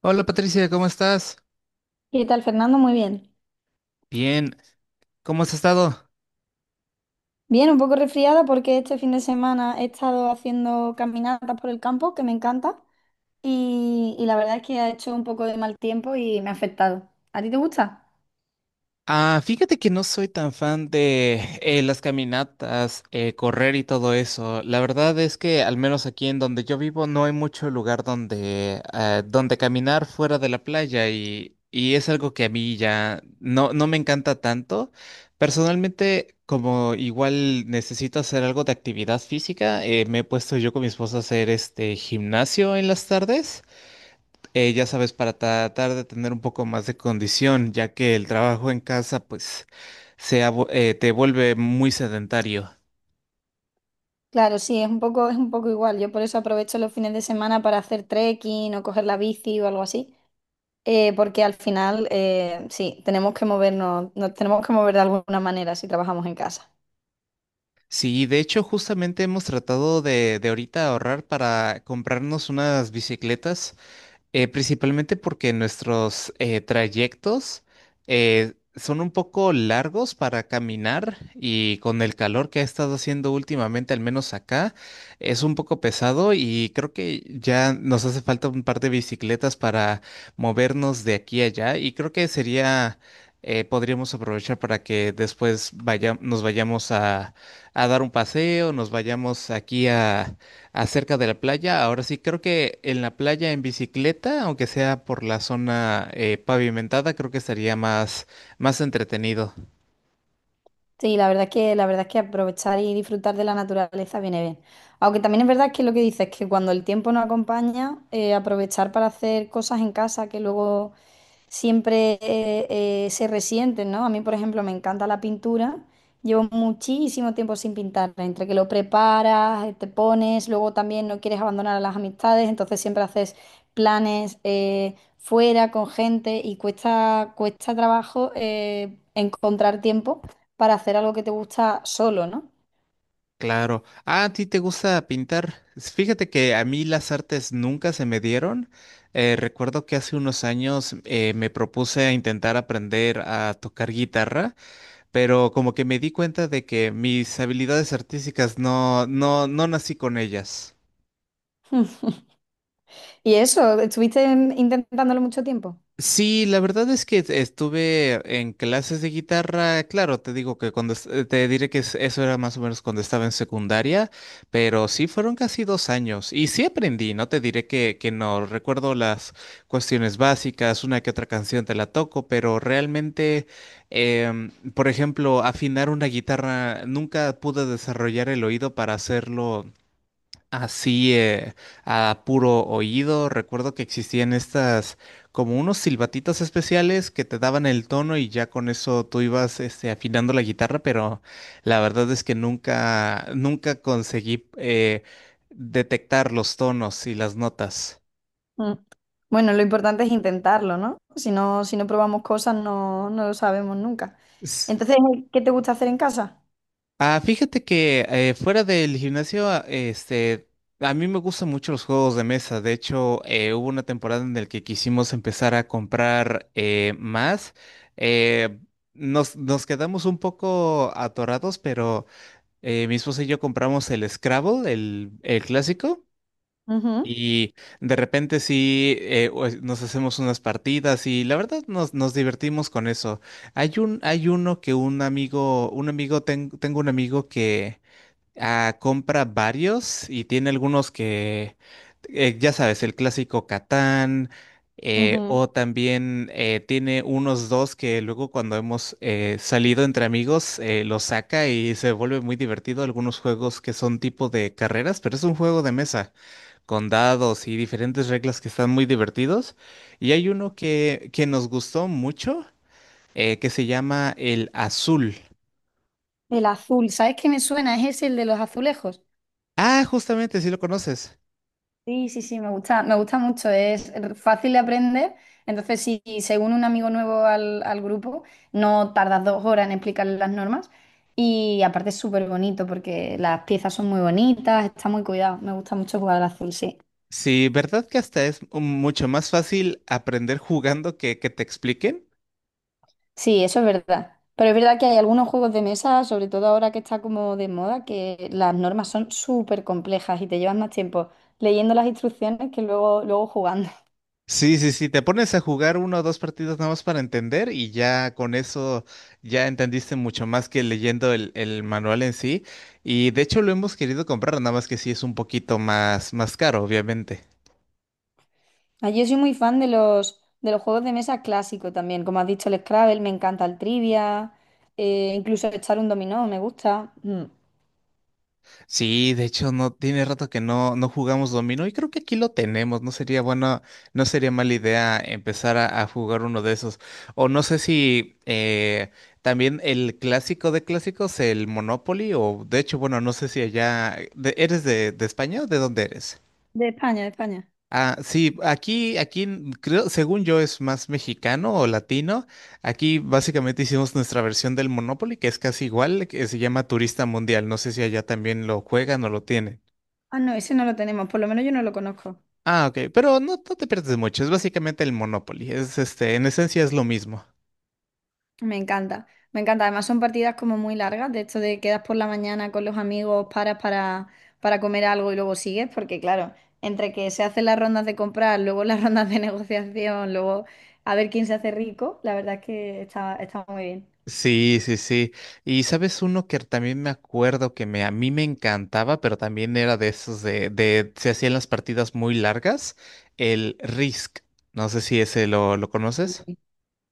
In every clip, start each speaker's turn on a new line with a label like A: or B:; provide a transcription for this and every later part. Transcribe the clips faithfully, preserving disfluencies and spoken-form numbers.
A: Hola Patricia, ¿cómo estás?
B: ¿Qué tal, Fernando? Muy bien.
A: Bien, ¿cómo has estado?
B: Bien, un poco resfriada porque este fin de semana he estado haciendo caminatas por el campo, que me encanta, y, y la verdad es que ha hecho un poco de mal tiempo y me ha afectado. ¿A ti te gusta?
A: Ah, fíjate que no soy tan fan de eh, las caminatas, eh, correr y todo eso. La verdad es que al menos aquí en donde yo vivo no hay mucho lugar donde, ah, donde caminar fuera de la playa y, y es algo que a mí ya no, no me encanta tanto. Personalmente, como igual necesito hacer algo de actividad física, eh, me he puesto yo con mi esposa a hacer este gimnasio en las tardes. eh, ya sabes, para tratar de tener un poco más de condición, ya que el trabajo en casa, pues, se ha vu- eh, te vuelve muy sedentario.
B: Claro, sí, es un poco, es un poco igual. Yo por eso aprovecho los fines de semana para hacer trekking o coger la bici o algo así, eh, porque al final, eh, sí, tenemos que movernos, nos tenemos que mover de alguna manera si trabajamos en casa.
A: Sí, de hecho, justamente hemos tratado de, de ahorita ahorrar para comprarnos unas bicicletas. Eh, principalmente porque nuestros eh, trayectos eh, son un poco largos para caminar y con el calor que ha estado haciendo últimamente, al menos acá, es un poco pesado y creo que ya nos hace falta un par de bicicletas para movernos de aquí a allá y creo que sería, eh, podríamos aprovechar para que después vaya- nos vayamos a, a dar un paseo, nos vayamos aquí a. Acerca de la playa, ahora sí, creo que en la playa en bicicleta, aunque sea por la zona eh, pavimentada, creo que estaría más, más entretenido.
B: Sí, la verdad es que, la verdad es que aprovechar y disfrutar de la naturaleza viene bien. Aunque también es verdad que lo que dices, que cuando el tiempo no acompaña, eh, aprovechar para hacer cosas en casa que luego siempre eh, eh, se resienten, ¿no? A mí, por ejemplo, me encanta la pintura. Llevo muchísimo tiempo sin pintar, entre que lo preparas, eh, te pones, luego también no quieres abandonar a las amistades, entonces siempre haces planes eh, fuera con gente y cuesta, cuesta trabajo eh, encontrar tiempo para hacer algo que te gusta solo, ¿no?
A: Claro. Ah, ¿a ti te gusta pintar? Fíjate que a mí las artes nunca se me dieron. Eh, recuerdo que hace unos años eh, me propuse a intentar aprender a tocar guitarra, pero como que me di cuenta de que mis habilidades artísticas no, no, no nací con ellas.
B: Y eso, ¿estuviste en- intentándolo mucho tiempo?
A: Sí, la verdad es que e-, estuve en clases de guitarra, claro, te digo que cuando es- eh, te diré que es- eso era más o menos cuando estaba en secundaria, pero sí fueron casi dos años y sí aprendí, no te diré que, que no, recuerdo las cuestiones básicas, una que otra canción te la toco, pero realmente, em, por ejemplo, afinar una guitarra, nunca pude desarrollar el oído para hacerlo así, eh, a puro oído, recuerdo que existían estas como unos silbatitos especiales que te daban el tono y ya con eso tú ibas este, afinando la guitarra, pero la verdad es que nunca, nunca conseguí eh, detectar los tonos y las notas.
B: Mm. Bueno, lo importante es intentarlo, ¿no? Si no, si no probamos cosas, no, no lo sabemos nunca. Entonces, eh, ¿qué te gusta hacer en casa?
A: Ah, fíjate que eh, fuera del gimnasio, a- este, a mí me gustan mucho los juegos de mesa. De hecho, eh, hubo una temporada en la que quisimos empezar a comprar eh, más. Eh, nos, nos quedamos un poco atorados, pero eh, mi esposa y yo compramos el Scrabble, el, el clásico.
B: Ujú,
A: Y de repente sí, eh, o- nos hacemos unas partidas y la verdad nos, nos divertimos con eso. Hay un, hay uno que un amigo, un amigo, ten- tengo un amigo que. Ah, compra varios y tiene algunos que, eh, ya sabes, el clásico Catán, eh,
B: ujú.
A: o también eh, tiene unos dos que luego cuando hemos eh, salido entre amigos eh, los saca y se vuelve muy divertido. Algunos juegos que son tipo de carreras, pero es un juego de mesa con dados y diferentes reglas que están muy divertidos. Y hay uno que, que nos gustó mucho eh, que se llama el Azul.
B: El azul, ¿sabes qué me suena? Es ese el de los azulejos.
A: Ah, justamente, si lo conoces.
B: Sí, sí, sí, me gusta, me gusta mucho, es fácil de aprender. Entonces, si se une un amigo nuevo al, al grupo, no tardas dos horas en explicarle las normas. Y aparte es súper bonito porque las piezas son muy bonitas, está muy cuidado. Me gusta mucho jugar al azul, sí.
A: Sí, ¿verdad que hasta es mucho más fácil aprender jugando que que te expliquen?
B: Sí, eso es verdad. Pero es verdad que hay algunos juegos de mesa, sobre todo ahora que está como de moda, que las normas son súper complejas y te llevas más tiempo leyendo las instrucciones que luego, luego jugando.
A: Sí, sí, sí, te pones a jugar uno o dos partidos nada más para entender y ya con eso ya entendiste mucho más que leyendo el, el manual en sí. Y de hecho lo hemos querido comprar, nada más que sí es un poquito más, más caro, obviamente.
B: Ah, Yo soy muy fan de los, de los juegos de mesa clásicos también. Como has dicho, el Scrabble, me encanta el trivia, eh, incluso echar un dominó, me gusta. Mm.
A: Sí, de hecho, no tiene rato que no, no jugamos dominó y creo que aquí lo tenemos. No sería bueno, no sería mala idea empezar a, a jugar uno de esos. O no sé si eh, también el clásico de clásicos, el Monopoly, o de hecho, bueno, no sé si allá de- eres de, de España o de dónde eres.
B: De España, de España.
A: Ah, sí, aquí, aquí n- creo, según yo, es más mexicano o latino. Aquí básicamente hicimos nuestra versión del Monopoly, que es casi igual, que se llama Turista Mundial. No sé si allá también lo juegan o lo tienen.
B: Ah, no, ese no lo tenemos, por lo menos yo no lo conozco.
A: Ah, ok, pero no, no te pierdes mucho, es básicamente el Monopoly, es este, en esencia es lo mismo.
B: Me encanta, me encanta. Además son partidas como muy largas, de hecho de quedas por la mañana con los amigos, paras para, para comer algo y luego sigues, porque claro, entre que se hacen las rondas de comprar, luego las rondas de negociación, luego a ver quién se hace rico, la verdad es que está, está muy
A: Sí, sí, sí. Y sabes uno que también me acuerdo que me, a mí me encantaba, pero también era de esos de, de se hacían las partidas muy largas, el Risk. No sé si ese lo, lo conoces.
B: bien.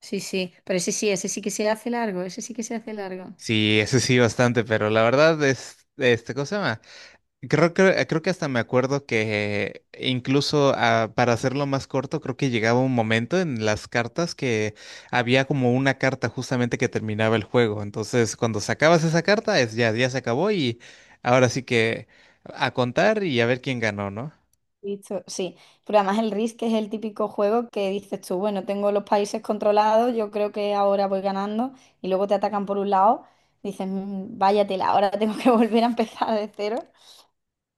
B: Sí, sí, pero ese sí, ese sí que se hace largo, ese sí que se hace largo.
A: Sí, ese sí bastante, pero la verdad es, este, ¿cómo se llama? Creo que, creo que hasta me acuerdo que incluso ah, para hacerlo más corto, creo que llegaba un momento en las cartas que había como una carta justamente que terminaba el juego. Entonces, cuando sacabas esa carta, es ya, ya se acabó y ahora sí que a contar y a ver quién ganó, ¿no?
B: Listo, sí. Pero además el RIS, es el típico juego que dices tú, bueno, tengo los países controlados, yo creo que ahora voy ganando, y luego te atacan por un lado, dices, "Mm, vaya tela, ahora tengo que volver a empezar de cero.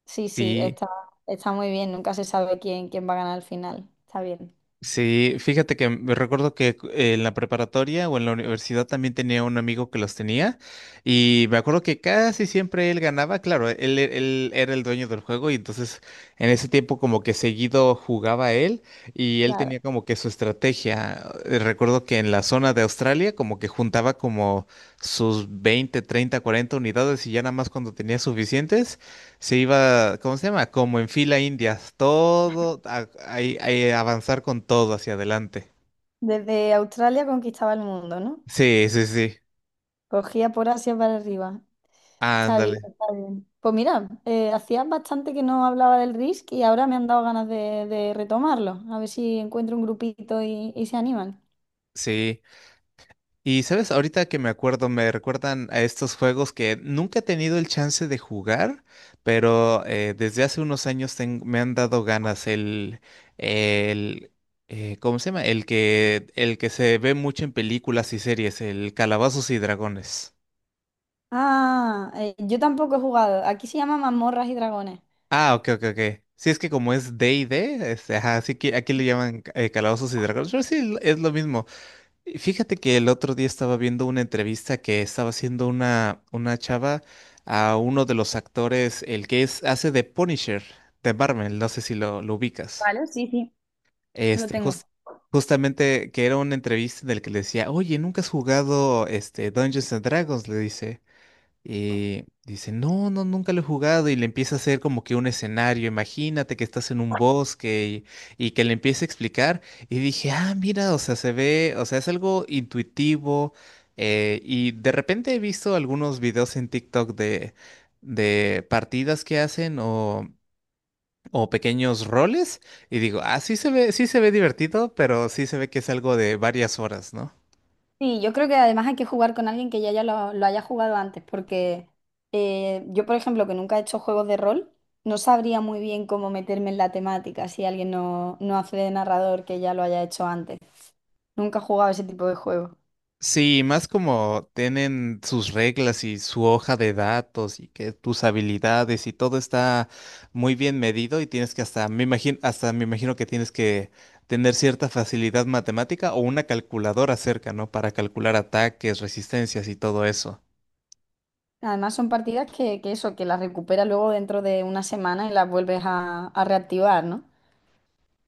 B: Sí, sí,
A: Sí,
B: está, está muy bien, nunca se sabe quién, quién va a ganar al final. Está bien.
A: Sí, fíjate que me recuerdo que cu- en la preparatoria o en la universidad también tenía un amigo que los tenía y me acuerdo que casi siempre él ganaba, claro, él, e- él era el dueño del juego y entonces en ese tiempo como que seguido jugaba él y él
B: Claro.
A: tenía como que su estrategia. Eh, Recuerdo que en la zona de Australia como que juntaba como sus veinte, treinta, cuarenta unidades y ya nada más cuando tenía suficientes se iba, ¿cómo se llama? Como en fila indias, todo, a, ahí- ahí avanzar con todo hacia adelante.
B: Desde Australia conquistaba el mundo, ¿no?
A: Sí, sí, sí.
B: Cogía por Asia para arriba. Está bien,
A: Ándale,
B: está bien. Pues mira, eh, hacía bastante que no hablaba del RISC y ahora me han dado ganas de, de retomarlo. A ver si encuentro un grupito y, y se animan.
A: sí. Y sabes, ahorita que me acuerdo, me recuerdan a estos juegos que nunca he tenido el chance de jugar, pero eh, desde hace unos años ten- me han dado ganas el, el, eh, ¿cómo se llama? El que, el que se ve mucho en películas y series, el Calabazos y Dragones.
B: Ah, eh, yo tampoco he jugado. Aquí se llama Mazmorras y Dragones.
A: Ah, ok, ok, ok. Sí, es que como es D D&D, este, ajá, así que aquí le llaman eh, Calabozos y Dragones, pero sí, es lo mismo. Y fíjate que el otro día estaba viendo una entrevista que estaba haciendo una, una chava a uno de los actores, el que es, hace de Punisher, de Marvel, no sé si lo, lo ubicas.
B: Vale, sí, sí, lo
A: Este,
B: tengo.
A: jus- Justamente que era una entrevista del que le decía, oye, ¿nunca has jugado este, Dungeons and Dragons? Le dice eh, dice, no, no, nunca lo he jugado y le empieza a hacer como que un escenario, imagínate que estás en un bosque y, y que le empiece a explicar y dije, ah, mira, o sea, se ve, o sea, es algo intuitivo eh, y de repente he visto algunos videos en TikTok de, de partidas que hacen o... o pequeños roles y digo, ah, sí se ve, sí se ve divertido, pero sí se ve que es algo de varias horas, ¿no?
B: Sí, yo creo que además hay que jugar con alguien que ya, ya lo, lo haya jugado antes, porque eh, yo, por ejemplo, que nunca he hecho juegos de rol, no sabría muy bien cómo meterme en la temática si alguien no, no hace de narrador que ya lo haya hecho antes. Nunca he jugado ese tipo de juegos.
A: Sí, más como tienen sus reglas y su hoja de datos y que tus habilidades y todo está muy bien medido y tienes que hasta, me imagino, hasta me imagino que tienes que tener cierta facilidad matemática o una calculadora cerca, ¿no? Para calcular ataques, resistencias y todo eso.
B: Además son partidas que, que eso, que las recuperas luego dentro de una semana y las vuelves a, a reactivar, ¿no?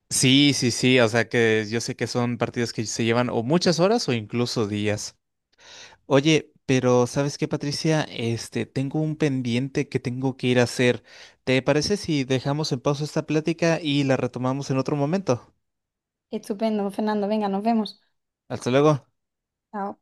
A: Sí, sí, sí, o sea que yo sé que son partidos que se llevan o muchas horas o incluso días. Oye, pero ¿sabes qué, Patricia? Este, tengo un pendiente que tengo que ir a hacer. ¿Te parece si dejamos en pausa esta plática y la retomamos en otro momento?
B: Estupendo, Fernando. Venga, nos vemos.
A: Hasta luego.
B: Chao.